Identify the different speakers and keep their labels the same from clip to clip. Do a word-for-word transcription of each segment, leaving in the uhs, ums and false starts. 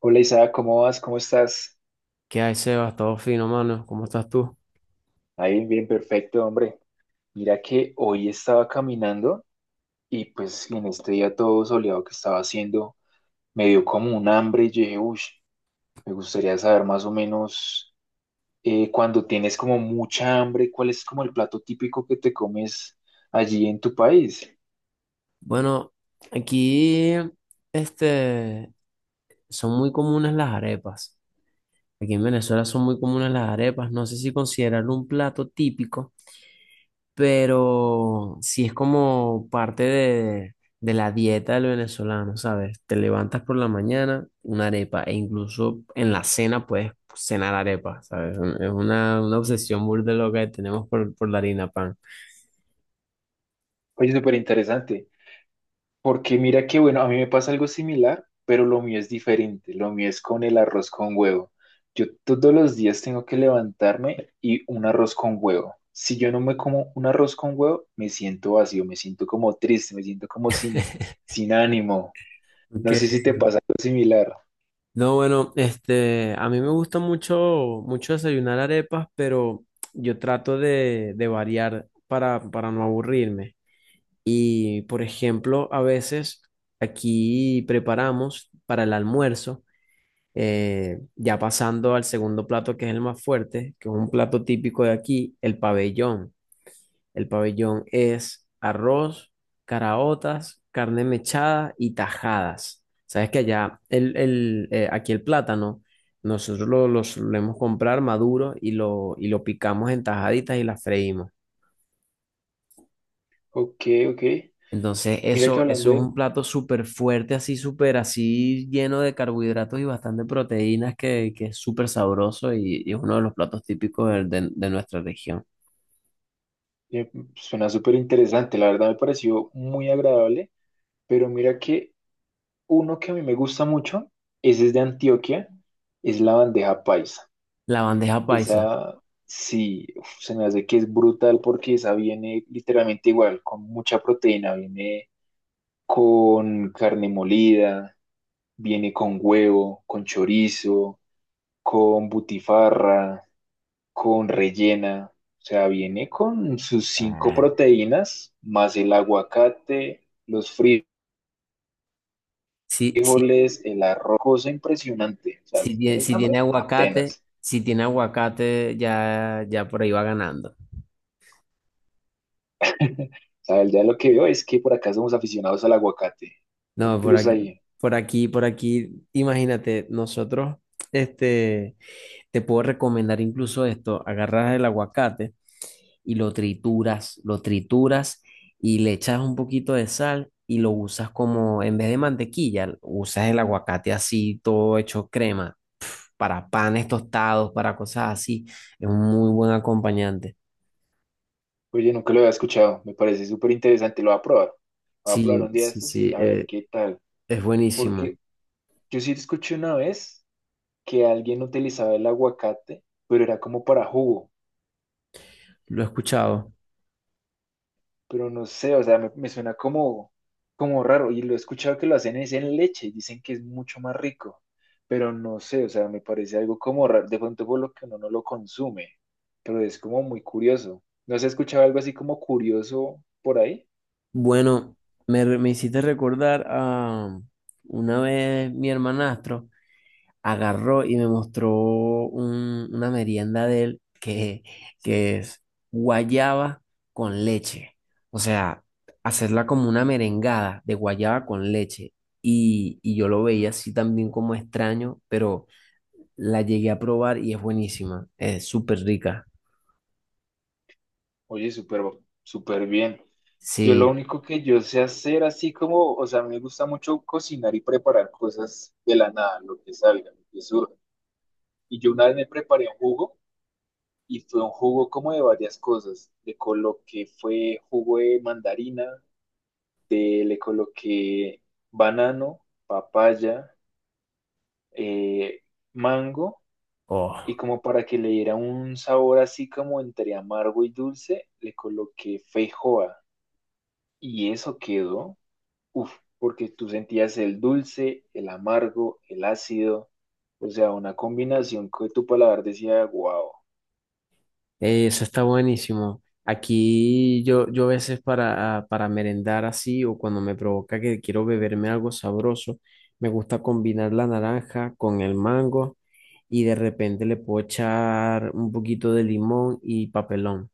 Speaker 1: Hola Isa, ¿cómo vas? ¿Cómo estás?
Speaker 2: ¿Qué hay, Sebas? Todo fino, mano. ¿Cómo estás tú?
Speaker 1: Ahí, bien, perfecto, hombre. Mira que hoy estaba caminando y pues en este día todo soleado que estaba haciendo, me dio como un hambre y yo dije, uy, me gustaría saber más o menos eh, cuando tienes como mucha hambre, ¿cuál es como el plato típico que te comes allí en tu país?
Speaker 2: Bueno, aquí, este, son muy comunes las arepas. Aquí en Venezuela son muy comunes las arepas. No sé si considerarlo un plato típico, pero sí es como parte de, de la dieta del venezolano, ¿sabes? Te levantas por la mañana, una arepa, e incluso en la cena puedes cenar arepa, ¿sabes? Es una, una obsesión burda loca que tenemos por, por la harina pan.
Speaker 1: Oye, súper interesante. Porque mira que, bueno, a mí me pasa algo similar, pero lo mío es diferente. Lo mío es con el arroz con huevo. Yo todos los días tengo que levantarme y un arroz con huevo. Si yo no me como un arroz con huevo, me siento vacío, me siento como triste, me siento como sin, sin ánimo.
Speaker 2: Ok.
Speaker 1: No sé si te pasa algo similar.
Speaker 2: No, bueno, este, a mí me gusta mucho, mucho desayunar arepas, pero yo trato de, de variar para, para no aburrirme. Y, por ejemplo, a veces aquí preparamos para el almuerzo, eh, ya pasando al segundo plato que es el más fuerte, que es un plato típico de aquí, el pabellón. El pabellón es arroz, caraotas, carne mechada y tajadas. Sabes que allá, el, el, eh, aquí el plátano, nosotros lo, lo solemos comprar maduro y lo, y lo picamos en tajaditas y las freímos.
Speaker 1: Ok, ok.
Speaker 2: Entonces,
Speaker 1: Mira que
Speaker 2: eso,
Speaker 1: hablando
Speaker 2: eso es
Speaker 1: de...
Speaker 2: un plato súper fuerte, así, súper así, lleno de carbohidratos y bastante proteínas, que, que es súper sabroso y, y es uno de los platos típicos del- de, de nuestra región.
Speaker 1: eh, Suena súper interesante, la verdad me pareció muy agradable, pero mira que uno que a mí me gusta mucho, ese es de Antioquia, es la bandeja paisa.
Speaker 2: La bandeja paisa.
Speaker 1: Esa sí, uf, se me hace que es brutal porque esa viene literalmente igual, con mucha proteína, viene con carne molida, viene con huevo, con chorizo, con butifarra, con rellena. O sea, viene con sus cinco
Speaker 2: Ah,
Speaker 1: proteínas, más el aguacate, los frijoles.
Speaker 2: sí, sí.
Speaker 1: Frijoles, el arroz, cosa impresionante. O sea,
Speaker 2: Si
Speaker 1: si
Speaker 2: tiene,
Speaker 1: tienes
Speaker 2: si tiene
Speaker 1: hambre,
Speaker 2: aguacate,
Speaker 1: apenas.
Speaker 2: si tiene aguacate, ya, ya por ahí va ganando.
Speaker 1: O sea, ya lo que veo es que por acá somos aficionados al aguacate. Un
Speaker 2: No, por
Speaker 1: plus
Speaker 2: aquí,
Speaker 1: ahí.
Speaker 2: por aquí, por aquí, imagínate, nosotros, este, te puedo recomendar incluso esto, agarras el aguacate y lo trituras, lo trituras y le echas un poquito de sal y lo usas como, en vez de mantequilla, usas el aguacate así, todo hecho crema, para panes tostados, para cosas así, es un muy buen acompañante.
Speaker 1: Oye, nunca lo había escuchado. Me parece súper interesante. Lo voy a probar. Lo voy a probar
Speaker 2: Sí,
Speaker 1: un día de
Speaker 2: sí,
Speaker 1: estos y
Speaker 2: sí,
Speaker 1: a ver
Speaker 2: eh,
Speaker 1: qué tal.
Speaker 2: es buenísimo.
Speaker 1: Porque yo sí escuché una vez que alguien utilizaba el aguacate, pero era como para jugo.
Speaker 2: Lo he escuchado.
Speaker 1: Pero no sé, o sea, me, me suena como, como raro y lo he escuchado que lo hacen es en leche, dicen que es mucho más rico, pero no sé, o sea, me parece algo como raro, de pronto por lo que uno no lo consume, pero es como muy curioso. ¿No has escuchado algo así como curioso por ahí?
Speaker 2: Bueno, me, re- me hiciste recordar a um, una vez mi hermanastro agarró y me mostró un- una merienda de él que, que es guayaba con leche. O sea, hacerla como una merengada de guayaba con leche. Y, y yo lo veía así también como extraño, pero la llegué a probar y es buenísima. Es súper rica.
Speaker 1: Oye, súper, súper bien. Yo lo
Speaker 2: Sí.
Speaker 1: único que yo sé hacer así como, o sea, me gusta mucho cocinar y preparar cosas de la nada, lo que salga, lo que surja. Y yo una vez me preparé un jugo y fue un jugo como de varias cosas. Le coloqué, fue jugo de mandarina, de- le coloqué banano, papaya, eh, mango, y
Speaker 2: Oh.
Speaker 1: como para que le diera un sabor así como entre amargo y dulce, le coloqué feijoa. Y eso quedó, uff, porque tú sentías el dulce, el amargo, el ácido, o sea, una combinación que tu paladar decía, wow.
Speaker 2: Eh, Eso está buenísimo. Aquí yo, yo a veces para, a- para merendar así o cuando me provoca que quiero beberme algo sabroso, me gusta combinar la naranja con el mango y de repente le puedo echar un poquito de limón y papelón.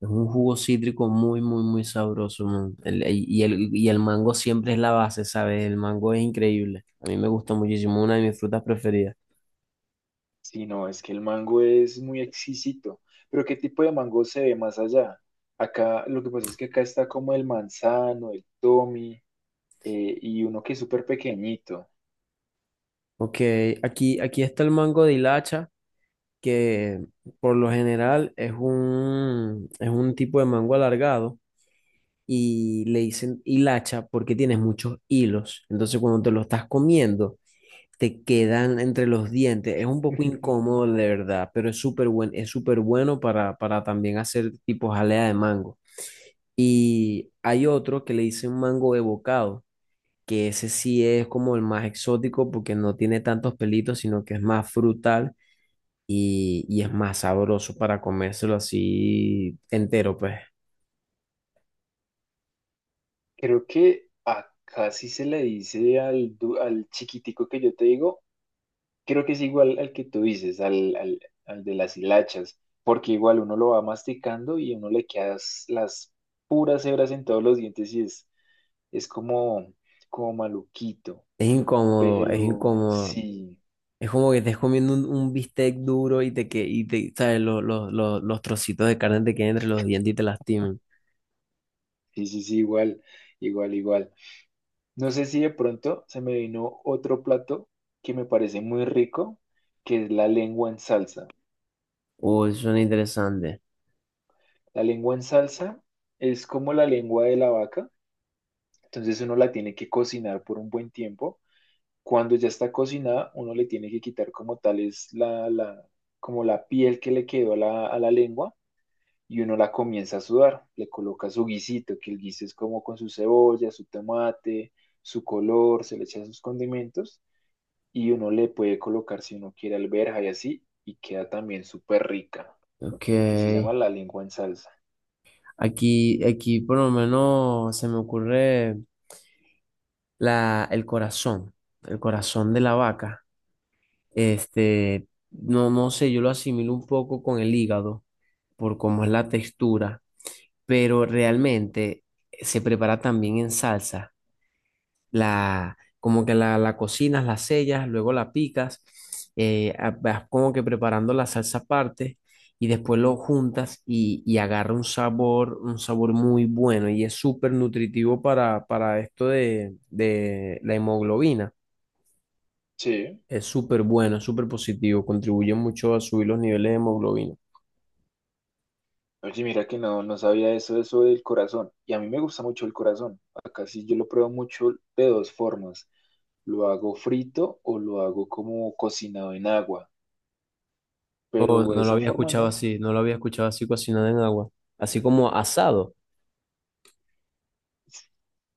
Speaker 2: Es un jugo cítrico muy, muy, muy sabroso, man. El- y el, y el mango siempre es la base, ¿sabes? El mango es increíble. A mí me gusta muchísimo, una de mis frutas preferidas.
Speaker 1: Sí, no, es que el mango es muy exquisito. Pero ¿qué tipo de mango se ve más allá? Acá, lo que pasa es que acá está como el manzano, el tommy, eh, y uno que es súper pequeñito.
Speaker 2: Ok, aquí, aquí está el mango de hilacha, que por lo general es un, es un tipo de mango alargado y le dicen hilacha porque tiene muchos hilos. Entonces cuando te lo estás comiendo, te quedan entre los dientes. Es un poco incómodo de verdad, pero es súper buen, es súper bueno para, para también hacer tipo jalea de mango. Y hay otro que le dicen mango evocado, que ese sí es como el más exótico porque no tiene tantos pelitos, sino que es más frutal y, y es más sabroso para comérselo así entero, pues.
Speaker 1: Creo que acá sí se le dice al, du- al chiquitico que yo te digo, creo que es igual al que tú dices, al, al, al de las hilachas, porque igual uno lo va masticando y uno le queda s- las puras hebras en todos los dientes y es, es como, como maluquito.
Speaker 2: Es incómodo, es
Speaker 1: Pero
Speaker 2: incómodo.
Speaker 1: sí,
Speaker 2: Es como que estés comiendo un, un bistec duro y te que y te, ¿sabes? Los, los, los, los trocitos de carne te queden entre los dientes y te lastimen.
Speaker 1: sí, sí, sí, igual, igual, igual. No sé si de pronto se me vino otro plato que me parece muy rico, que es la lengua en salsa.
Speaker 2: Uy, suena interesante.
Speaker 1: La lengua en salsa es como la lengua de la vaca, entonces uno la tiene que cocinar por un buen tiempo. Cuando ya está cocinada, uno le tiene que quitar como tal es la, la, como la piel que le quedó a la, a la lengua y uno la comienza a sudar, le coloca su guisito, que el guiso es como con su cebolla, su tomate, su color, se le echa sus condimentos y uno le puede colocar si uno quiere alberja y así y queda también súper rica,
Speaker 2: Ok.
Speaker 1: que se llama la lengua en salsa.
Speaker 2: Aquí, aquí por lo menos se me ocurre la, el corazón, el corazón de la vaca. Este, no, no sé, yo lo asimilo un poco con el hígado, por cómo es la textura, pero realmente eh, se prepara también en salsa. La, como que la, la cocinas, la sellas, luego la picas, eh, a- vas como que preparando la salsa aparte y después lo juntas y, y agarra un sabor, un sabor muy bueno y es súper nutritivo para, para esto de, de la hemoglobina.
Speaker 1: Sí.
Speaker 2: Es súper bueno, es súper positivo, contribuye mucho a subir los niveles de hemoglobina.
Speaker 1: Oye, mira que no, no sabía eso, eso del corazón. Y a mí me gusta mucho el corazón. Acá sí yo lo pruebo mucho de dos formas. Lo hago frito o lo hago como cocinado en agua.
Speaker 2: Oh,
Speaker 1: Pero de
Speaker 2: no lo
Speaker 1: esa
Speaker 2: había
Speaker 1: forma
Speaker 2: escuchado
Speaker 1: no.
Speaker 2: así, no lo había escuchado así cocinado en agua, así como asado.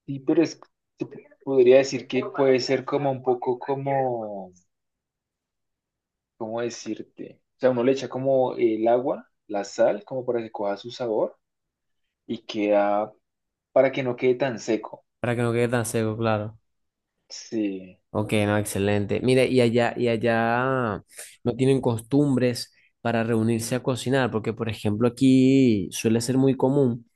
Speaker 1: Sí, pero es, se podría decir que puede ser como un poco como, ¿cómo decirte? O sea, uno le echa como el agua, la sal, como para que coja su sabor y queda, para que no quede tan seco.
Speaker 2: Para que no quede tan seco, claro.
Speaker 1: Sí,
Speaker 2: Ok, no, excelente. Mire, y allá, y allá no tienen costumbres para reunirse a cocinar, porque por ejemplo aquí suele ser muy común,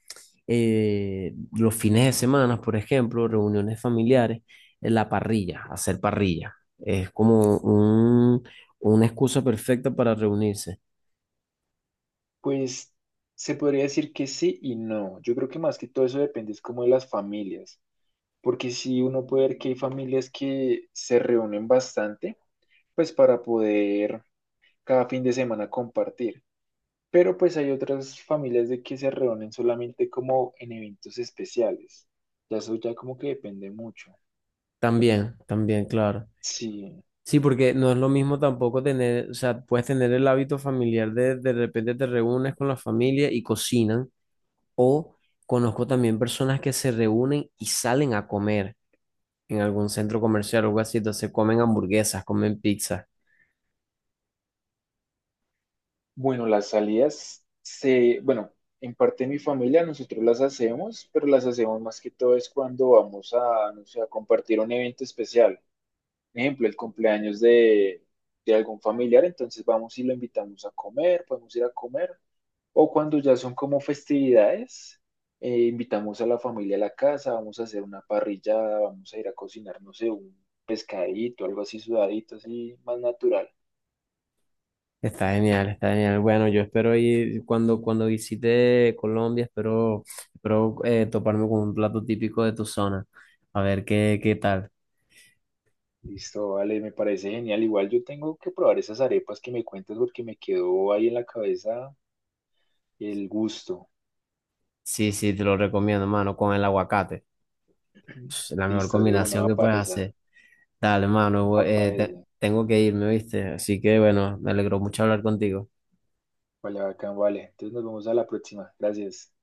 Speaker 2: eh, los fines de semana, por ejemplo, reuniones familiares, en la parrilla, hacer parrilla. Es como un, una excusa perfecta para reunirse.
Speaker 1: pues se podría decir que sí y no. Yo creo que más que todo eso depende es como de las familias, porque si uno puede ver que hay familias que se reúnen bastante, pues para poder cada fin de semana compartir. Pero pues hay otras familias de que se reúnen solamente como en eventos especiales. Ya eso ya como que depende mucho.
Speaker 2: También, también, claro.
Speaker 1: Sí.
Speaker 2: Sí, porque no es lo mismo tampoco tener, o sea, puedes tener el hábito familiar de de repente te reúnes con la familia y cocinan, o conozco también personas que se reúnen y salen a comer en algún centro comercial o algo así, entonces comen hamburguesas, comen pizza.
Speaker 1: Bueno, las salidas se, bueno, en parte de mi familia nosotros las hacemos, pero las hacemos más que todo es cuando vamos a, no sé, a compartir un evento especial. Ejemplo, el cumpleaños de, de algún familiar, entonces vamos y lo invitamos a comer, podemos ir a comer. O cuando ya son como festividades, eh, invitamos a la familia a la casa, vamos a hacer una parrillada, vamos a ir a cocinar, no sé, un pescadito, algo así sudadito, así más natural.
Speaker 2: Está genial, está genial. Bueno, yo espero ir cuando, cuando visite Colombia, espero, espero eh, toparme con un plato típico de tu zona, a ver qué, qué tal.
Speaker 1: Listo, vale, me parece genial. Igual yo tengo que probar esas arepas que me cuentas porque me quedó ahí en la cabeza el gusto.
Speaker 2: Sí, sí, te lo recomiendo, mano, con el aguacate. Pss, la mejor
Speaker 1: Listo, de una,
Speaker 2: combinación
Speaker 1: va
Speaker 2: que
Speaker 1: para
Speaker 2: puedes
Speaker 1: esa,
Speaker 2: hacer. Dale, mano, voy-
Speaker 1: va para
Speaker 2: eh, te-
Speaker 1: esa.
Speaker 2: tengo que irme, ¿viste? Así que bueno, me alegró mucho hablar contigo.
Speaker 1: Vale, bacán, vale. Entonces nos vemos a la próxima. Gracias.